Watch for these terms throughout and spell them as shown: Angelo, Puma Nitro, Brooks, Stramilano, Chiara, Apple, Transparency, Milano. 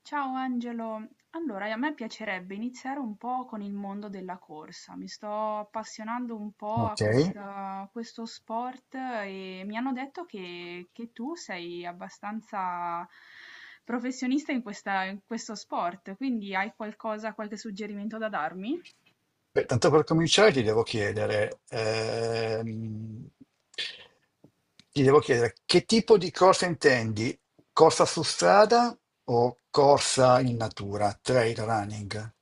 Ciao Angelo, allora a me piacerebbe iniziare un po' con il mondo della corsa, mi sto appassionando un po' a Ok. Questo sport e mi hanno detto che tu sei abbastanza professionista in questo sport, quindi hai qualcosa, qualche suggerimento da darmi? Beh, tanto per cominciare ti devo chiedere che tipo di corsa intendi? Corsa su strada o corsa in natura, trail running?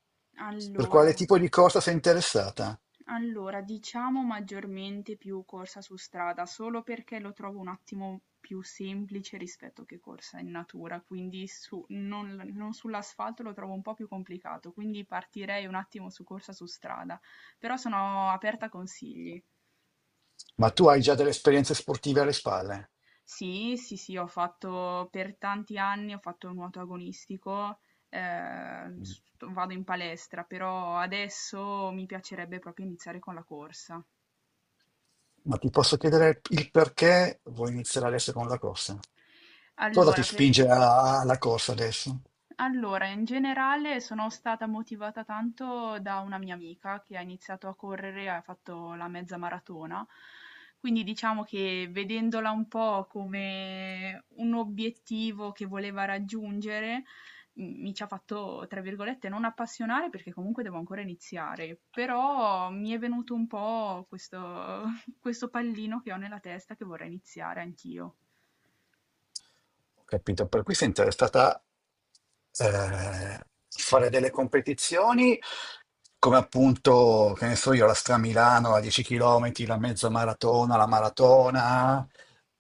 Per Allora. quale tipo di corsa sei interessata? Allora, diciamo maggiormente più corsa su strada, solo perché lo trovo un attimo più semplice rispetto che corsa in natura, quindi non sull'asfalto lo trovo un po' più complicato, quindi partirei un attimo su corsa su strada, però sono aperta a consigli. Ma tu hai già delle esperienze sportive alle spalle? Sì, sì, sì, ho fatto per tanti anni, ho fatto nuoto agonistico, Mm. Vado in palestra, però adesso mi piacerebbe proprio iniziare con la corsa. Ma ti posso chiedere il perché vuoi iniziare adesso con la corsa? Cosa ti Allora, per... spinge alla corsa adesso? Allora, in generale sono stata motivata tanto da una mia amica che ha iniziato a correre, ha fatto la mezza maratona, quindi diciamo che vedendola un po' come un obiettivo che voleva raggiungere, mi ci ha fatto, tra virgolette, non appassionare perché comunque devo ancora iniziare, però mi è venuto un po' questo, questo pallino che ho nella testa che vorrei iniziare anch'io. Ho capito, per cui sei interessata eh, fare delle competizioni come appunto, che ne so io, la Stramilano, la 10 km, la mezza maratona, la maratona,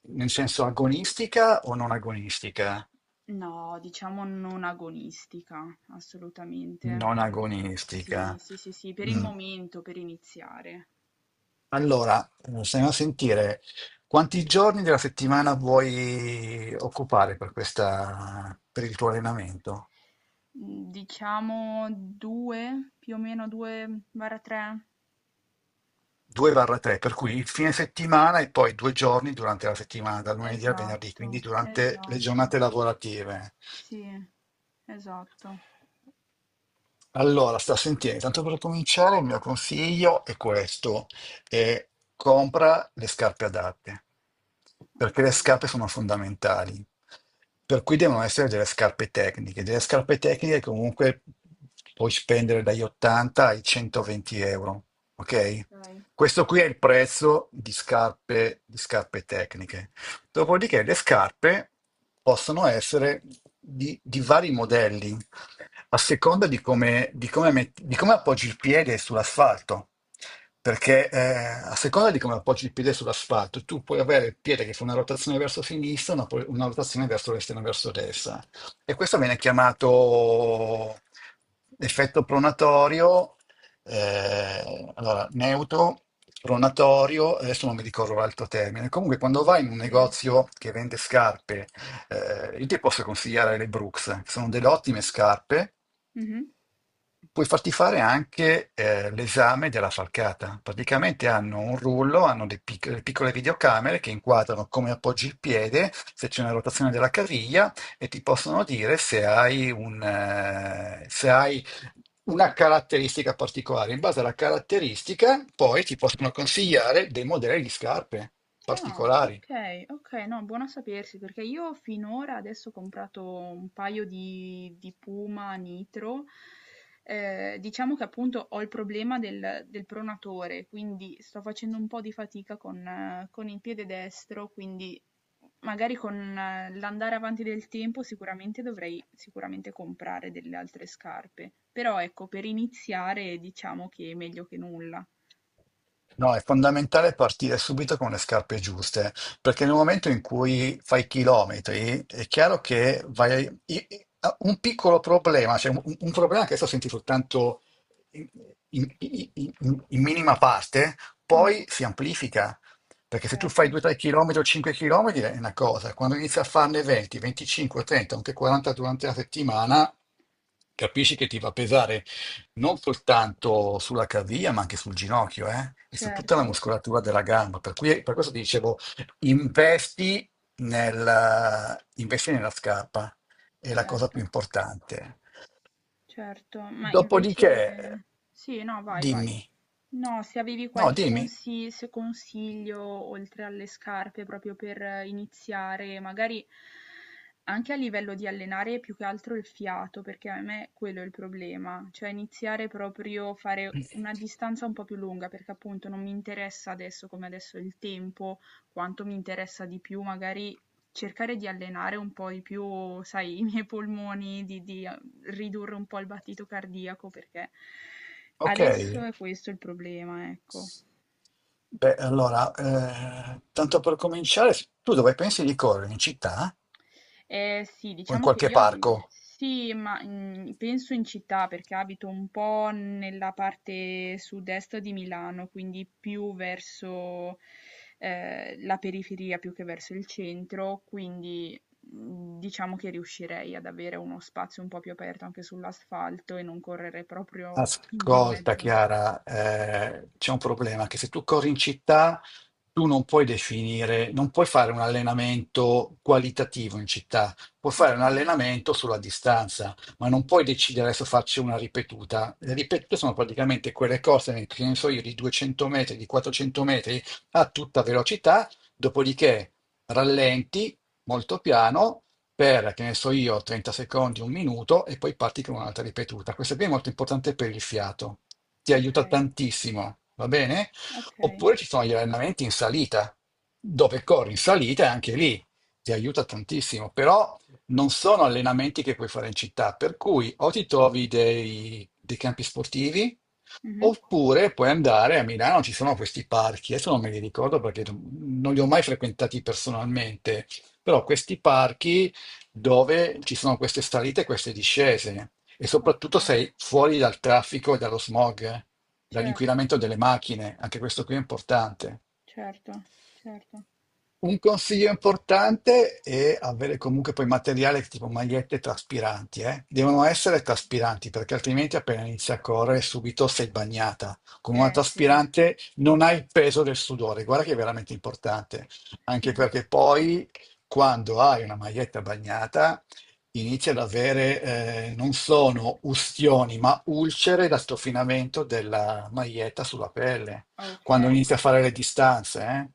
nel senso agonistica o non agonistica? No, diciamo non agonistica, assolutamente, Non perché sì, agonistica. sì, sì, sì, per il Mm. momento, per iniziare. Allora, stiamo a sentire quanti giorni della settimana vuoi occupare per questa, per il tuo allenamento? Diciamo due, più o meno due, barra tre. 2-3, per cui il fine settimana e poi due giorni durante la settimana, dal lunedì al venerdì, Esatto, quindi durante le esatto, giornate lavorative. sì, esatto. Allora, sta sentendo, intanto per cominciare il mio consiglio è questo, è compra le scarpe adatte, perché Ok, le scarpe sono fondamentali, per cui devono essere delle scarpe tecniche, che comunque puoi spendere dagli 80 ai 120 euro, ok? ok, Questo qui è il prezzo di scarpe tecniche. Dopodiché le scarpe possono essere di vari modelli a seconda di come, di come appoggi il piede sull'asfalto. Perché a seconda di come appoggi il piede sull'asfalto, tu puoi avere il piede che fa una rotazione verso sinistra, una rotazione verso l'esterno e verso destra. E questo viene chiamato effetto pronatorio, allora, neutro, pronatorio, adesso non mi ricordo l'altro termine. Comunque, quando vai in un sì. negozio che vende scarpe, io ti posso consigliare le Brooks, che sono delle ottime scarpe. Mhm. Puoi farti fare anche l'esame della falcata. Praticamente hanno un rullo, hanno delle piccole videocamere che inquadrano come appoggi il piede, se c'è una rotazione della caviglia e ti possono dire se hai una caratteristica particolare. In base alla caratteristica, poi ti possono consigliare dei modelli di scarpe Ah, particolari. okay, okay, no, buono a sapersi perché io finora adesso ho comprato un paio di Puma Nitro. Diciamo che appunto ho il problema del pronatore, quindi sto facendo un po' di fatica con il piede destro, quindi magari con l'andare avanti del tempo sicuramente dovrei sicuramente comprare delle altre scarpe. Però ecco, per iniziare diciamo che è meglio che nulla. No, è fondamentale partire subito con le scarpe giuste, perché nel momento in cui fai chilometri, è chiaro che vai i- i- a- un piccolo problema, cioè un problema che adesso senti soltanto in, in- in- in minima parte, Mh-mh. poi si amplifica. Perché se tu Certo, fai 2-3 km o 5 km è una cosa, quando inizi a farne 20, 25, 30, anche 40 durante la settimana, capisci che ti va a pesare non soltanto sulla caviglia, ma anche sul ginocchio, eh? E su tutta la certo, muscolatura della gamba. Per cui, per questo ti dicevo, investi investi nella scarpa, è la cosa più certo. importante. Certo, ma Dopodiché, invece sì, no, vai, vai. dimmi, No, se avevi no, qualche dimmi, consi- se consiglio oltre alle scarpe proprio per iniziare, magari anche a livello di allenare più che altro il fiato, perché a me quello è il problema, cioè iniziare proprio a fare una distanza un po' più lunga, perché appunto non mi interessa adesso come adesso il tempo, quanto mi interessa di più magari cercare di allenare un po' di più, sai, i miei polmoni, di ridurre un po' il battito cardiaco perché ok. adesso è questo il problema, ecco. Beh, allora, tanto per cominciare, tu dove pensi di correre? In città Sì, o in diciamo che qualche io abito, parco? sì, ma penso in città perché abito un po' nella parte sud-est di Milano, quindi più verso la periferia più che verso il centro, quindi diciamo che riuscirei ad avere uno spazio un po' più aperto anche sull'asfalto e non correre proprio in Ascolta mezzo. Chiara, c'è un problema che se tu corri in città tu non puoi definire, non puoi fare un allenamento qualitativo in città, puoi fare un Ok, allenamento sulla distanza, ma non puoi decidere adesso faccio una ripetuta. Le ripetute sono praticamente quelle corse, che ne so io, di 200 metri, di 400 metri a tutta velocità, dopodiché rallenti molto piano per, che ne so io, 30 secondi, un minuto e poi parti con un'altra ripetuta. Questa qui è molto importante per il fiato, ti ok. aiuta tantissimo, va bene? Okay, Oppure ci sono gli allenamenti in salita, dove corri in salita e anche lì ti aiuta tantissimo, però non sono allenamenti che puoi fare in città, per cui o ti trovi dei campi sportivi, mh-mh. oppure puoi andare a Milano, ci sono questi parchi, adesso non me li ricordo perché non li ho mai frequentati personalmente, però questi parchi dove ci sono queste salite e queste discese e soprattutto Okay, sei fuori dal traffico e dallo smog, certo, dall'inquinamento delle macchine, anche questo qui è importante. certo, certo. Un consiglio importante è avere comunque poi materiale tipo magliette traspiranti, eh. Devono essere traspiranti perché altrimenti appena inizi a correre subito sei bagnata. Con una Eh sì, traspirante non hai il peso del sudore, guarda che è veramente importante, sì, anche perché poi quando hai una maglietta bagnata inizi ad avere, non sono ustioni, ma ulcere da strofinamento della maglietta sulla pelle, okay. quando inizi a fare le distanze, eh.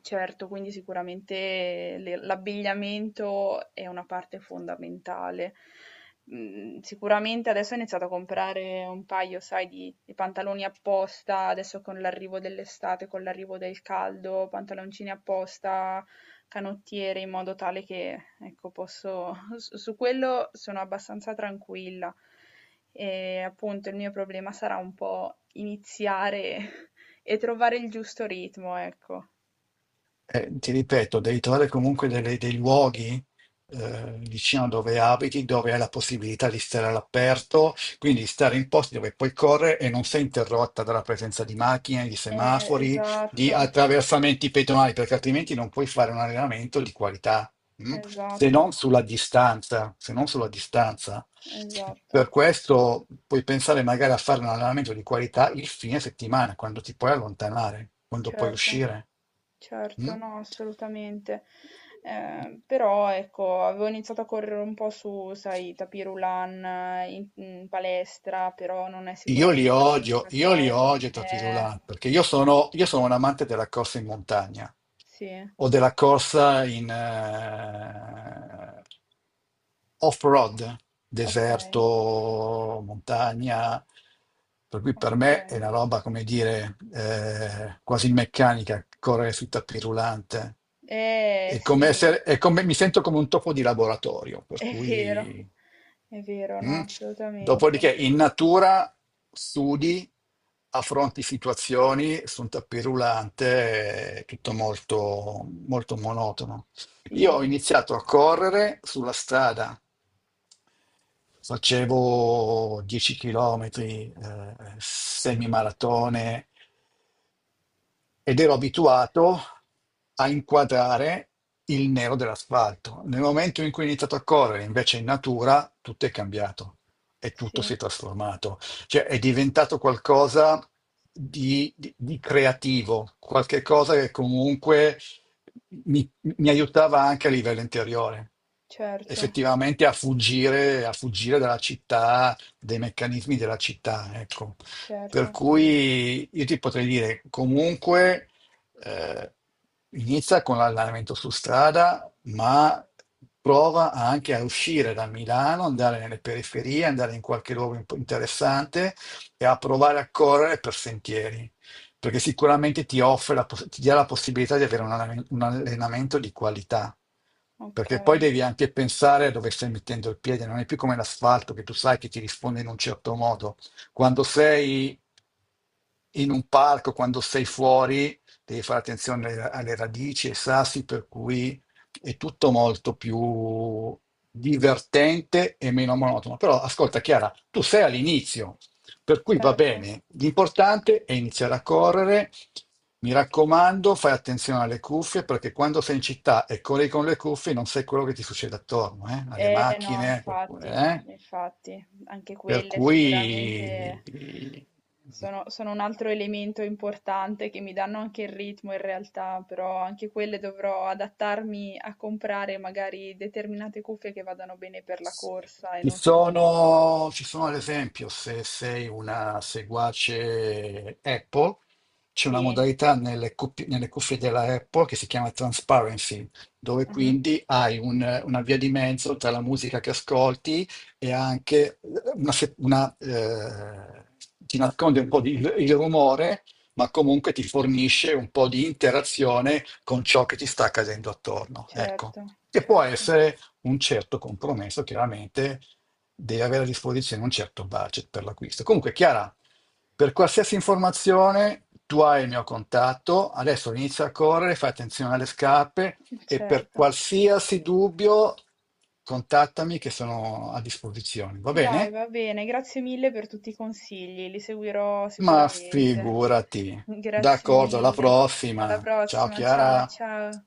Certo, quindi sicuramente le l'abbigliamento è una parte fondamentale. Mhmm, sicuramente adesso ho iniziato a comprare un paio, sai, di pantaloni apposta, adesso con l'arrivo dell'estate, con l'arrivo del caldo, pantaloncini apposta, canottiere, in modo tale che, ecco, posso s su quello sono abbastanza tranquilla. Appunto, il mio problema sarà un po' iniziare e trovare il giusto ritmo, ecco. Ti ripeto, devi trovare comunque dei luoghi, vicino a dove abiti, dove hai la possibilità di stare all'aperto, quindi stare in posti dove puoi correre e non sei interrotta dalla presenza di macchine, di semafori, di Esatto, attraversamenti pedonali, perché altrimenti non puoi fare un allenamento di qualità, mm? Se esatto, non sulla distanza, se non sulla distanza. esatto, Per questo puoi pensare magari a fare un allenamento di qualità il fine settimana, quando ti puoi allontanare, quando puoi certo, uscire. Mm? certo, no, assolutamente. Però ecco, avevo iniziato a correre un po' su, sai, tapis roulant in palestra, però non è sicuramente la stessa Io li cosa. odio i tapis roulant, perché io sono un amante della corsa in montagna Sì, o della corsa in off-road, ok, deserto, montagna, per cui per ok. me è una roba, come dire, quasi meccanica, correre sui tappi rullante. È come Sì, essere, è come, mi sento come un topo di laboratorio, per è vero, cui... è vero, no, Mm. assolutamente. Dopodiché in natura studi, affronti situazioni su un tappi rullante, è tutto molto, molto monotono. Sì, Io ho iniziato a correre sulla strada. Facevo 10 km, semimaratone, ed ero abituato a inquadrare il nero dell'asfalto. Nel momento in cui ho iniziato a correre invece in natura, tutto è cambiato e tutto sì, si è trasformato. Cioè è diventato qualcosa di creativo, qualche cosa che comunque mi, mi aiutava anche a livello interiore. certo, Effettivamente a fuggire dalla città, dai meccanismi della città, ecco. Per certo. cui io ti potrei dire comunque, eh, inizia con l'allenamento su strada, ma prova anche a uscire da Milano, andare nelle periferie, andare in qualche luogo interessante e a provare a correre per sentieri, perché sicuramente ti dà la possibilità di avere un allenamento di qualità. Perché poi Okay, devi anche pensare a dove stai mettendo il piede, non è più come l'asfalto che tu sai che ti risponde in un certo modo. Quando sei in un parco, quando sei fuori, devi fare attenzione alle radici e ai sassi, per cui è tutto molto più divertente e meno monotono. Però ascolta Chiara, tu sei all'inizio, per cui va certo. bene, l'importante è iniziare a correre. Mi raccomando, fai attenzione alle cuffie perché quando sei in città e corri con le cuffie non sai quello che ti succede attorno, eh? Alle Eh no, macchine, a qualcuno, infatti, eh? infatti, anche Per quelle sicuramente cui sono un altro elemento importante che mi danno anche il ritmo in realtà, però anche quelle dovrò adattarmi a comprare magari determinate cuffie che vadano bene per la corsa e Ci non sempli. sono, ci sono ad esempio, se sei una seguace Apple, c'è una Sì, modalità nelle cuffie della Apple che si chiama Transparency, dove mh-mh, quindi hai una via di mezzo tra la musica che ascolti e anche una, se- una, ti nasconde un po' il rumore, ma comunque ti fornisce un po' di interazione con ciò che ti sta accadendo attorno. Ecco. certo, Che può certo, essere un certo compromesso, chiaramente deve avere a disposizione un certo budget per l'acquisto. Comunque, Chiara, per qualsiasi informazione tu hai il mio contatto, adesso inizia a correre, fai attenzione alle scarpe e per certo. qualsiasi dubbio contattami che sono a disposizione, va Dai, bene? va bene, grazie mille per tutti i consigli, li seguirò Ma sicuramente. figurati. Grazie D'accordo, alla mille. Alla prossima. Ciao prossima, ciao Chiara. ciao.